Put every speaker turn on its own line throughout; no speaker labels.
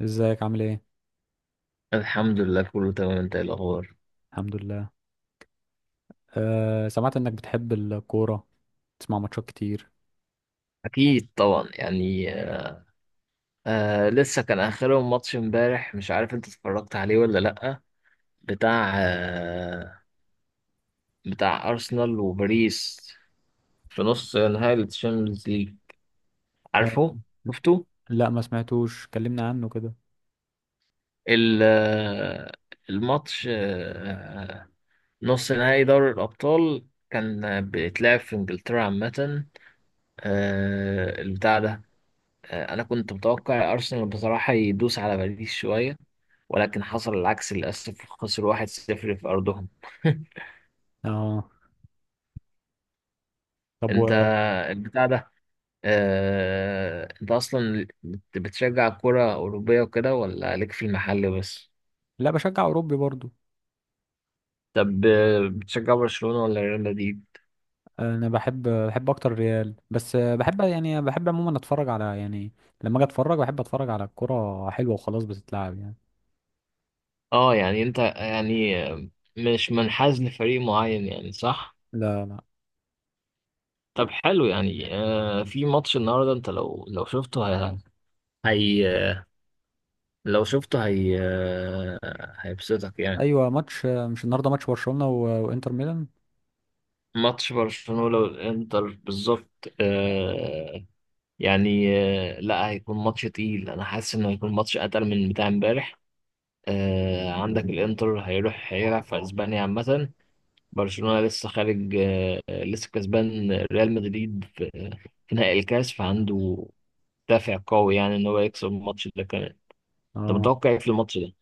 ازيك عامل ايه؟
الحمد لله، كله تمام. انت ايه الاخبار؟
الحمد لله. أه. سمعت انك بتحب الكورة تسمع ماتشات كتير.
اكيد طبعا، يعني. لسه كان اخرهم ماتش امبارح، مش عارف انت اتفرجت عليه ولا لا. بتاع آه بتاع ارسنال وباريس، في نص نهائي الشامبيونز ليج.
أه.
عارفه؟ شفته؟
لا ما سمعتوش كلمنا عنه كده.
ال- آه، الماتش، نص نهائي دوري الابطال كان بيتلعب في انجلترا عامة. البتاع ده، انا كنت متوقع ارسنال بصراحة يدوس على باريس شوية، ولكن حصل العكس للأسف. خسروا 1-0 في أرضهم.
اه طب،
أنت البتاع ده آه... أنت أصلا بتشجع كرة أوروبية وكده، ولا ليك في المحل بس؟
لا بشجع اوروبي برضو.
طب بتشجع برشلونة ولا ريال مدريد؟
انا بحب اكتر ريال بس، بحب يعني بحب عموما اتفرج على يعني لما اجي اتفرج بحب اتفرج على الكورة حلوة وخلاص بتتلعب يعني.
اه، يعني انت يعني مش منحاز لفريق معين، يعني صح؟
لا، لا.
طب حلو. يعني في ماتش النهارده انت هي لو شفته هي، هيبسطك يعني؟
ايوه ماتش، مش النهارده ماتش برشلونة وانتر ميلان.
ماتش برشلونة والإنتر بالظبط. يعني لا، هيكون ماتش تقيل، أنا حاسس إنه هيكون ماتش أتقل من بتاع إمبارح. عندك الإنتر هيروح هيلعب في أسبانيا عامة، برشلونة لسه خارج، لسه كسبان ريال مدريد في في نهائي الكاس، فعنده دافع قوي يعني إن هو يكسب الماتش ده كمان. أنت
اه،
متوقع إيه في الماتش ده؟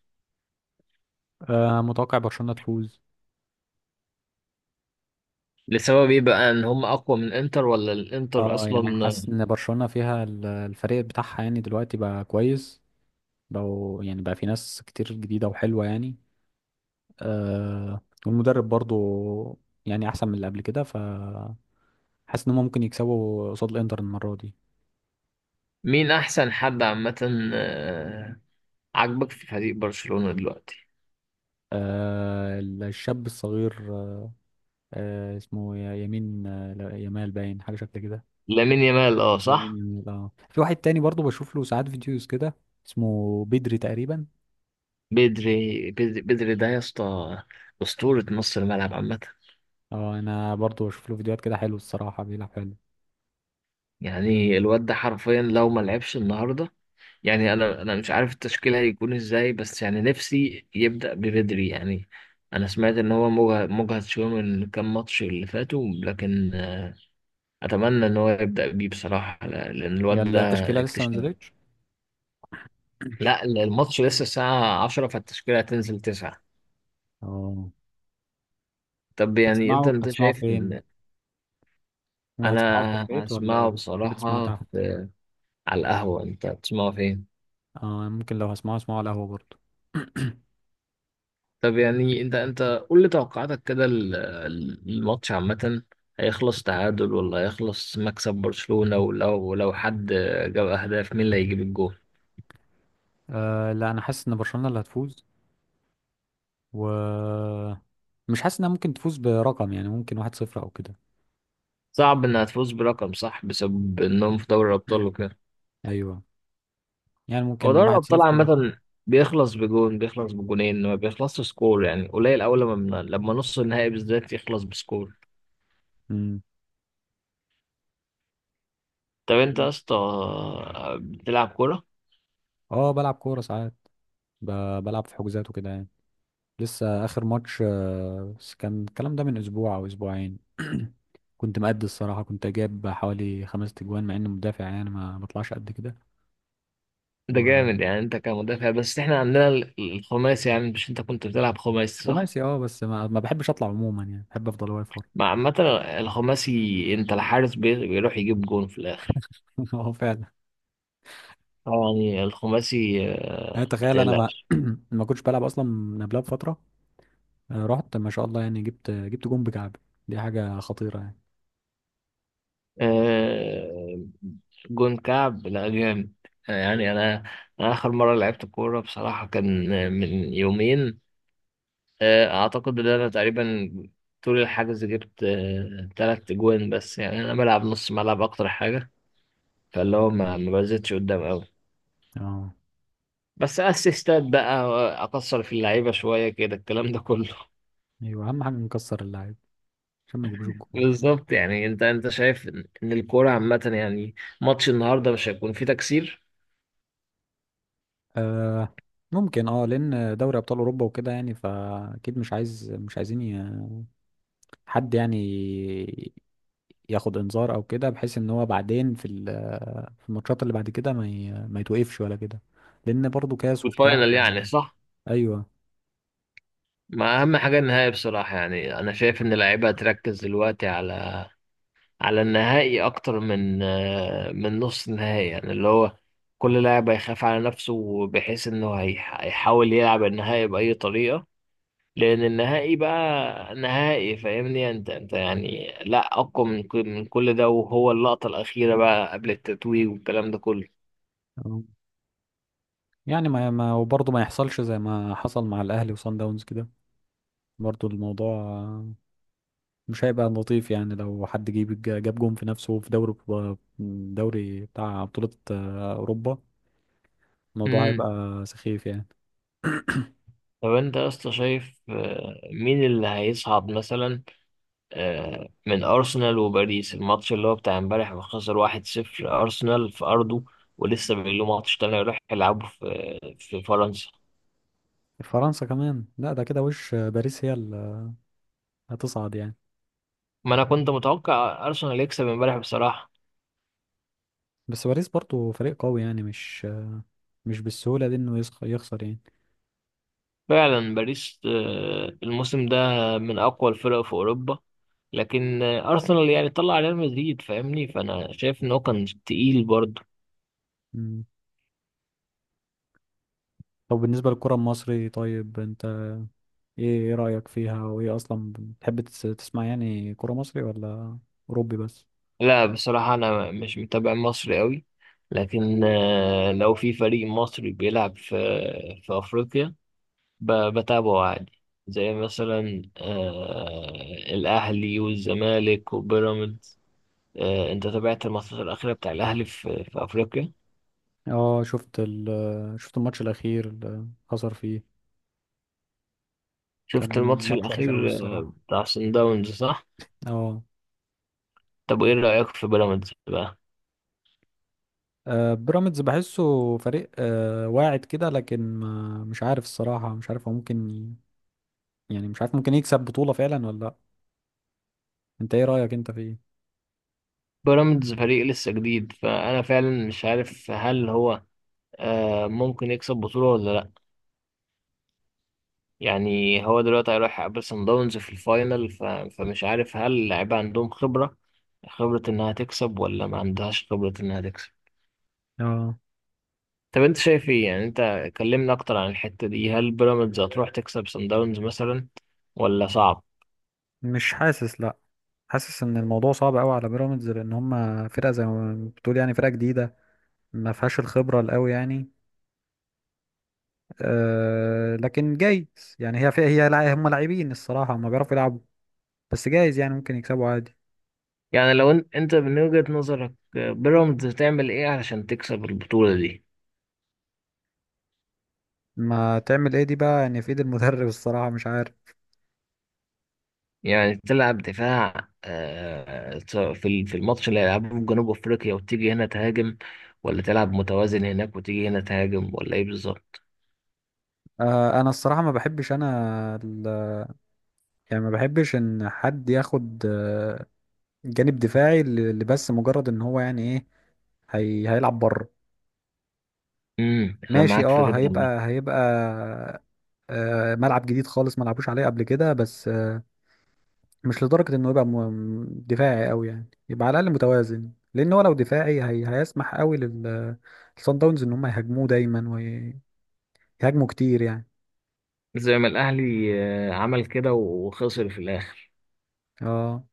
متوقع برشلونة تفوز.
لسبب إيه بقى، إن هم أقوى من الإنتر ولا الإنتر
اه يعني
أصلا؟
حاسس ان برشلونة فيها الفريق بتاعها يعني دلوقتي بقى كويس، بقوا يعني بقى في ناس كتير جديدة وحلوة يعني. آه. والمدرب برضو يعني احسن من اللي قبل كده، فحاسس ان هم ممكن يكسبوا قصاد الانتر المرة دي.
مين أحسن حد عامة عاجبك في فريق برشلونة دلوقتي؟
آه الشاب الصغير، آه اسمه يمين يمال، باين حاجة شكل كده.
لامين يامال، اه
لامين
صح.
يامال اه، في واحد تاني برضو بشوف له ساعات فيديوز كده اسمه بدري تقريبا.
بدري ده يا اسطى، أسطورة نص الملعب عامة.
اه انا برضو بشوف له فيديوهات كده، حلو الصراحة بيلعب حلو.
يعني الواد ده حرفيا لو ما لعبش النهاردة، يعني انا مش عارف التشكيل هيكون ازاي، بس يعني نفسي يبدأ ببدري يعني. انا سمعت ان هو مجهد شوية من كام ماتش اللي فاتوا، لكن اتمنى ان هو يبدأ بيه بصراحة، لان الواد ده
يلا التشكيلة لسه ما
اكتشاف.
نزلتش.
لا الماتش لسه الساعة 10، فالتشكيلة هتنزل 9.
اه.
طب يعني انت
هتسمعوا
انت
هتسمعوا
شايف.
فين؟ وهتسمعوا في
انا
البيت ولا
هسمعه
بتحب تسمعوا
بصراحة
تحت؟
في، على القهوة. انت هتسمعه فين؟
اه ممكن لو هسمعوا اسمعوا على القهوة برضه.
طب يعني انت قول لي توقعاتك كده. الماتش عامة هيخلص تعادل ولا هيخلص مكسب برشلونة، ولو حد جاب اهداف، مين اللي هيجيب الجول؟
آه لا، انا حاسس ان برشلونة اللي هتفوز، و مش حاسس انها ممكن تفوز برقم، يعني ممكن واحد صفر او كده.
صعب انها تفوز برقم، صح؟ بسبب انهم في دوري الابطال وكده.
ايوه، يعني
هو
ممكن
دوري
واحد
الابطال
صفر بس.
عامة بيخلص بجون، بيخلص بجونين، ما بيخلصش سكور يعني قليل، اول لما لما نص النهائي بالذات يخلص بسكور.
مم.
طب انت يا اسطى بتلعب كورة؟
اه بلعب كورة ساعات، ب... بلعب في حجوزات وكده يعني. لسه اخر ماتش، بس كان الكلام ده من اسبوع او اسبوعين. كنت مأدي الصراحه، كنت جايب حوالي خمس تجوان مع اني مدافع يعني ما بطلعش قد كده.
ده
و
جامد. يعني انت كمدافع، بس احنا عندنا الخماسي يعني. مش انت كنت بتلعب خماسي صح؟
خماسي اه، بس ما بحبش اطلع عموما يعني بحب افضل واقف ورا.
مع عامة الخماسي انت الحارس بيروح يجيب جون في الاخر.
اه فعلا.
يعني الخماسي،
يعني
ما
تخيل انا ما
تقلقش.
ما كنتش بلعب اصلا من قبلها بفتره، آه، رحت ما شاء الله يعني جبت جون بكعب. دي حاجه خطيره يعني.
آه، جون كعب لا جامد. يعني انا، اخر مرة لعبت كورة بصراحة كان من يومين. اعتقد ان انا تقريبا طول الحجز جبت تلات جوان بس، يعني انا بلعب نص ملعب اكتر حاجة، فاللي هو ما بزيدش قدام قوي،
اه.
بس اسيستات بقى. اقصر في اللعيبه شويه كده الكلام ده كله.
ايوه اهم حاجه نكسر اللعيب عشان ما يجيبوش الجون.
بالظبط. يعني انت شايف ان إن الكوره عامه، يعني ماتش النهارده مش هيكون فيه تكسير
آه ممكن اه، لان دوري ابطال اوروبا وكده يعني، فاكيد مش عايزين حد يعني ياخد انذار او كده، بحيث ان هو بعدين في في الماتشات اللي بعد كده ما يتوقفش ولا كده، لان برضه كاس وبتاع
والفاينل يعني، صح؟
ايوه.
ما اهم حاجه النهائي بصراحه. يعني انا شايف ان اللعيبه هتركز دلوقتي على على النهائي اكتر من نص النهائي، يعني اللي هو كل لاعب هيخاف على نفسه بحيث انه هيحاول يلعب النهائي باي طريقه، لان النهائي بقى نهائي. فاهمني انت؟ انت يعني لا، اقوى من كل ده، وهو اللقطه الاخيره بقى قبل التتويج والكلام ده كله.
آه. يعني ما وبرضه ما يحصلش زي ما حصل مع الاهلي وصن داونز كده، برضه الموضوع، مش هيبقى لطيف يعني. لو حد جاب جون في نفسه في دوري بتاع بطولة، آه، اوروبا، الموضوع
امم.
هيبقى سخيف يعني.
طب انت يا اسطى شايف مين اللي هيصعد مثلا من ارسنال وباريس؟ الماتش اللي هو بتاع امبارح ما خسر 1-0، ارسنال في ارضه، ولسه بيقول له ماتش تاني يروح يلعبه في فرنسا.
فرنسا كمان لا، ده كده وش باريس هي اللي هتصعد يعني.
ما انا كنت متوقع ارسنال يكسب امبارح بصراحه.
بس باريس برضو فريق قوي، يعني مش بالسهولة دي انه يخسر يعني.
فعلا باريس، الموسم ده من أقوى الفرق في أوروبا. لكن أرسنال يعني طلع ريال مدريد فاهمني، فأنا شايف إن هو كان تقيل برضه.
مم. طب بالنسبة للكرة المصري، طيب انت ايه ايه رأيك فيها، وايه اصلا بتحب تسمع يعني كرة مصري ولا اوروبي بس؟
لا بصراحة أنا مش متابع مصري أوي، لكن لو في فريق مصري بيلعب في أفريقيا، ب- بتابعه عادي، زي مثلا الأهلي والزمالك وبيراميدز. أنت تابعت الماتشات الأخيرة بتاع الأهلي في أفريقيا؟
اه، شفت الماتش الاخير اللي خسر فيه،
شفت
كان
الماتش
ماتش
الأخير
وحش قوي الصراحة.
بتاع صن داونز، صح؟
اه.
طب وايه رأيك في بيراميدز بقى؟
آه، بيراميدز بحسه فريق آه، واعد كده، لكن ما مش عارف الصراحة مش عارف هو ممكن يعني مش عارف ممكن يكسب بطولة فعلا ولا لا. انت ايه رأيك انت في ايه؟
بيراميدز فريق لسه جديد، فأنا فعلا مش عارف هل هو آه ممكن يكسب بطولة ولا لأ. يعني هو دلوقتي هيروح يقابل صن داونز في الفاينل، فمش عارف هل اللعيبة عندهم خبرة، خبرة إنها تكسب، ولا ما عندهاش خبرة إنها تكسب.
اه
طب أنت شايف إيه؟ يعني أنت كلمنا أكتر عن الحتة دي. هل بيراميدز هتروح تكسب صن داونز مثلا، ولا صعب؟
مش حاسس، لا. حاسس ان الموضوع صعب قوي على بيراميدز لان هم فرقة زي ما بتقول يعني فرقة جديدة ما فيهاش الخبرة القوي يعني. أه لكن جايز يعني، هي فيها هم لاعبين الصراحة هم بيعرفوا يلعبوا، بس جايز يعني ممكن يكسبوا عادي.
يعني لو أنت من وجهة نظرك، بيراميدز تعمل إيه علشان تكسب البطولة دي؟
ما تعمل ايه دي بقى يعني في ايد المدرب الصراحة مش عارف.
يعني تلعب دفاع في الماتش اللي هيلعبه في جنوب افريقيا وتيجي هنا تهاجم، ولا تلعب متوازن هناك وتيجي هنا تهاجم، ولا ايه بالظبط؟
انا الصراحه ما بحبش انا، يعني ما بحبش ان حد ياخد، آه، جانب دفاعي اللي بس مجرد ان هو يعني ايه هي هيلعب بره.
امم. انا
ماشي
معاك في
اه،
كده والله.
هيبقى آه، ملعب جديد خالص ما لعبوش عليه قبل كده بس، مش لدرجه انه يبقى دفاعي قوي يعني يبقى على الاقل متوازن، لان هو لو دفاعي هي هيسمح قوي للصن داونز ان هم يهاجموه دايما ويهاجموا كتير يعني.
زي ما الاهلي عمل كده وخسر في الاخر.
اه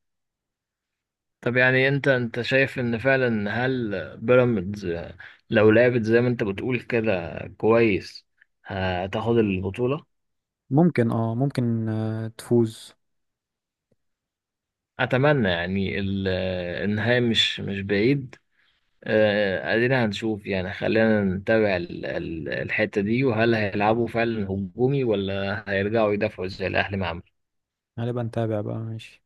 طب يعني انت شايف ان فعلا، هل بيراميدز، لو لعبت زي ما انت بتقول كده كويس، هتاخد البطولة؟
ممكن، اه ممكن، تفوز.
اتمنى يعني. النهاية مش بعيد. ادينا هنشوف يعني. خلينا نتابع الحتة دي، وهل هيلعبوا فعلا هجومي ولا هيرجعوا يدافعوا زي الاهلي مع
هنبقى نتابع بقى ماشي.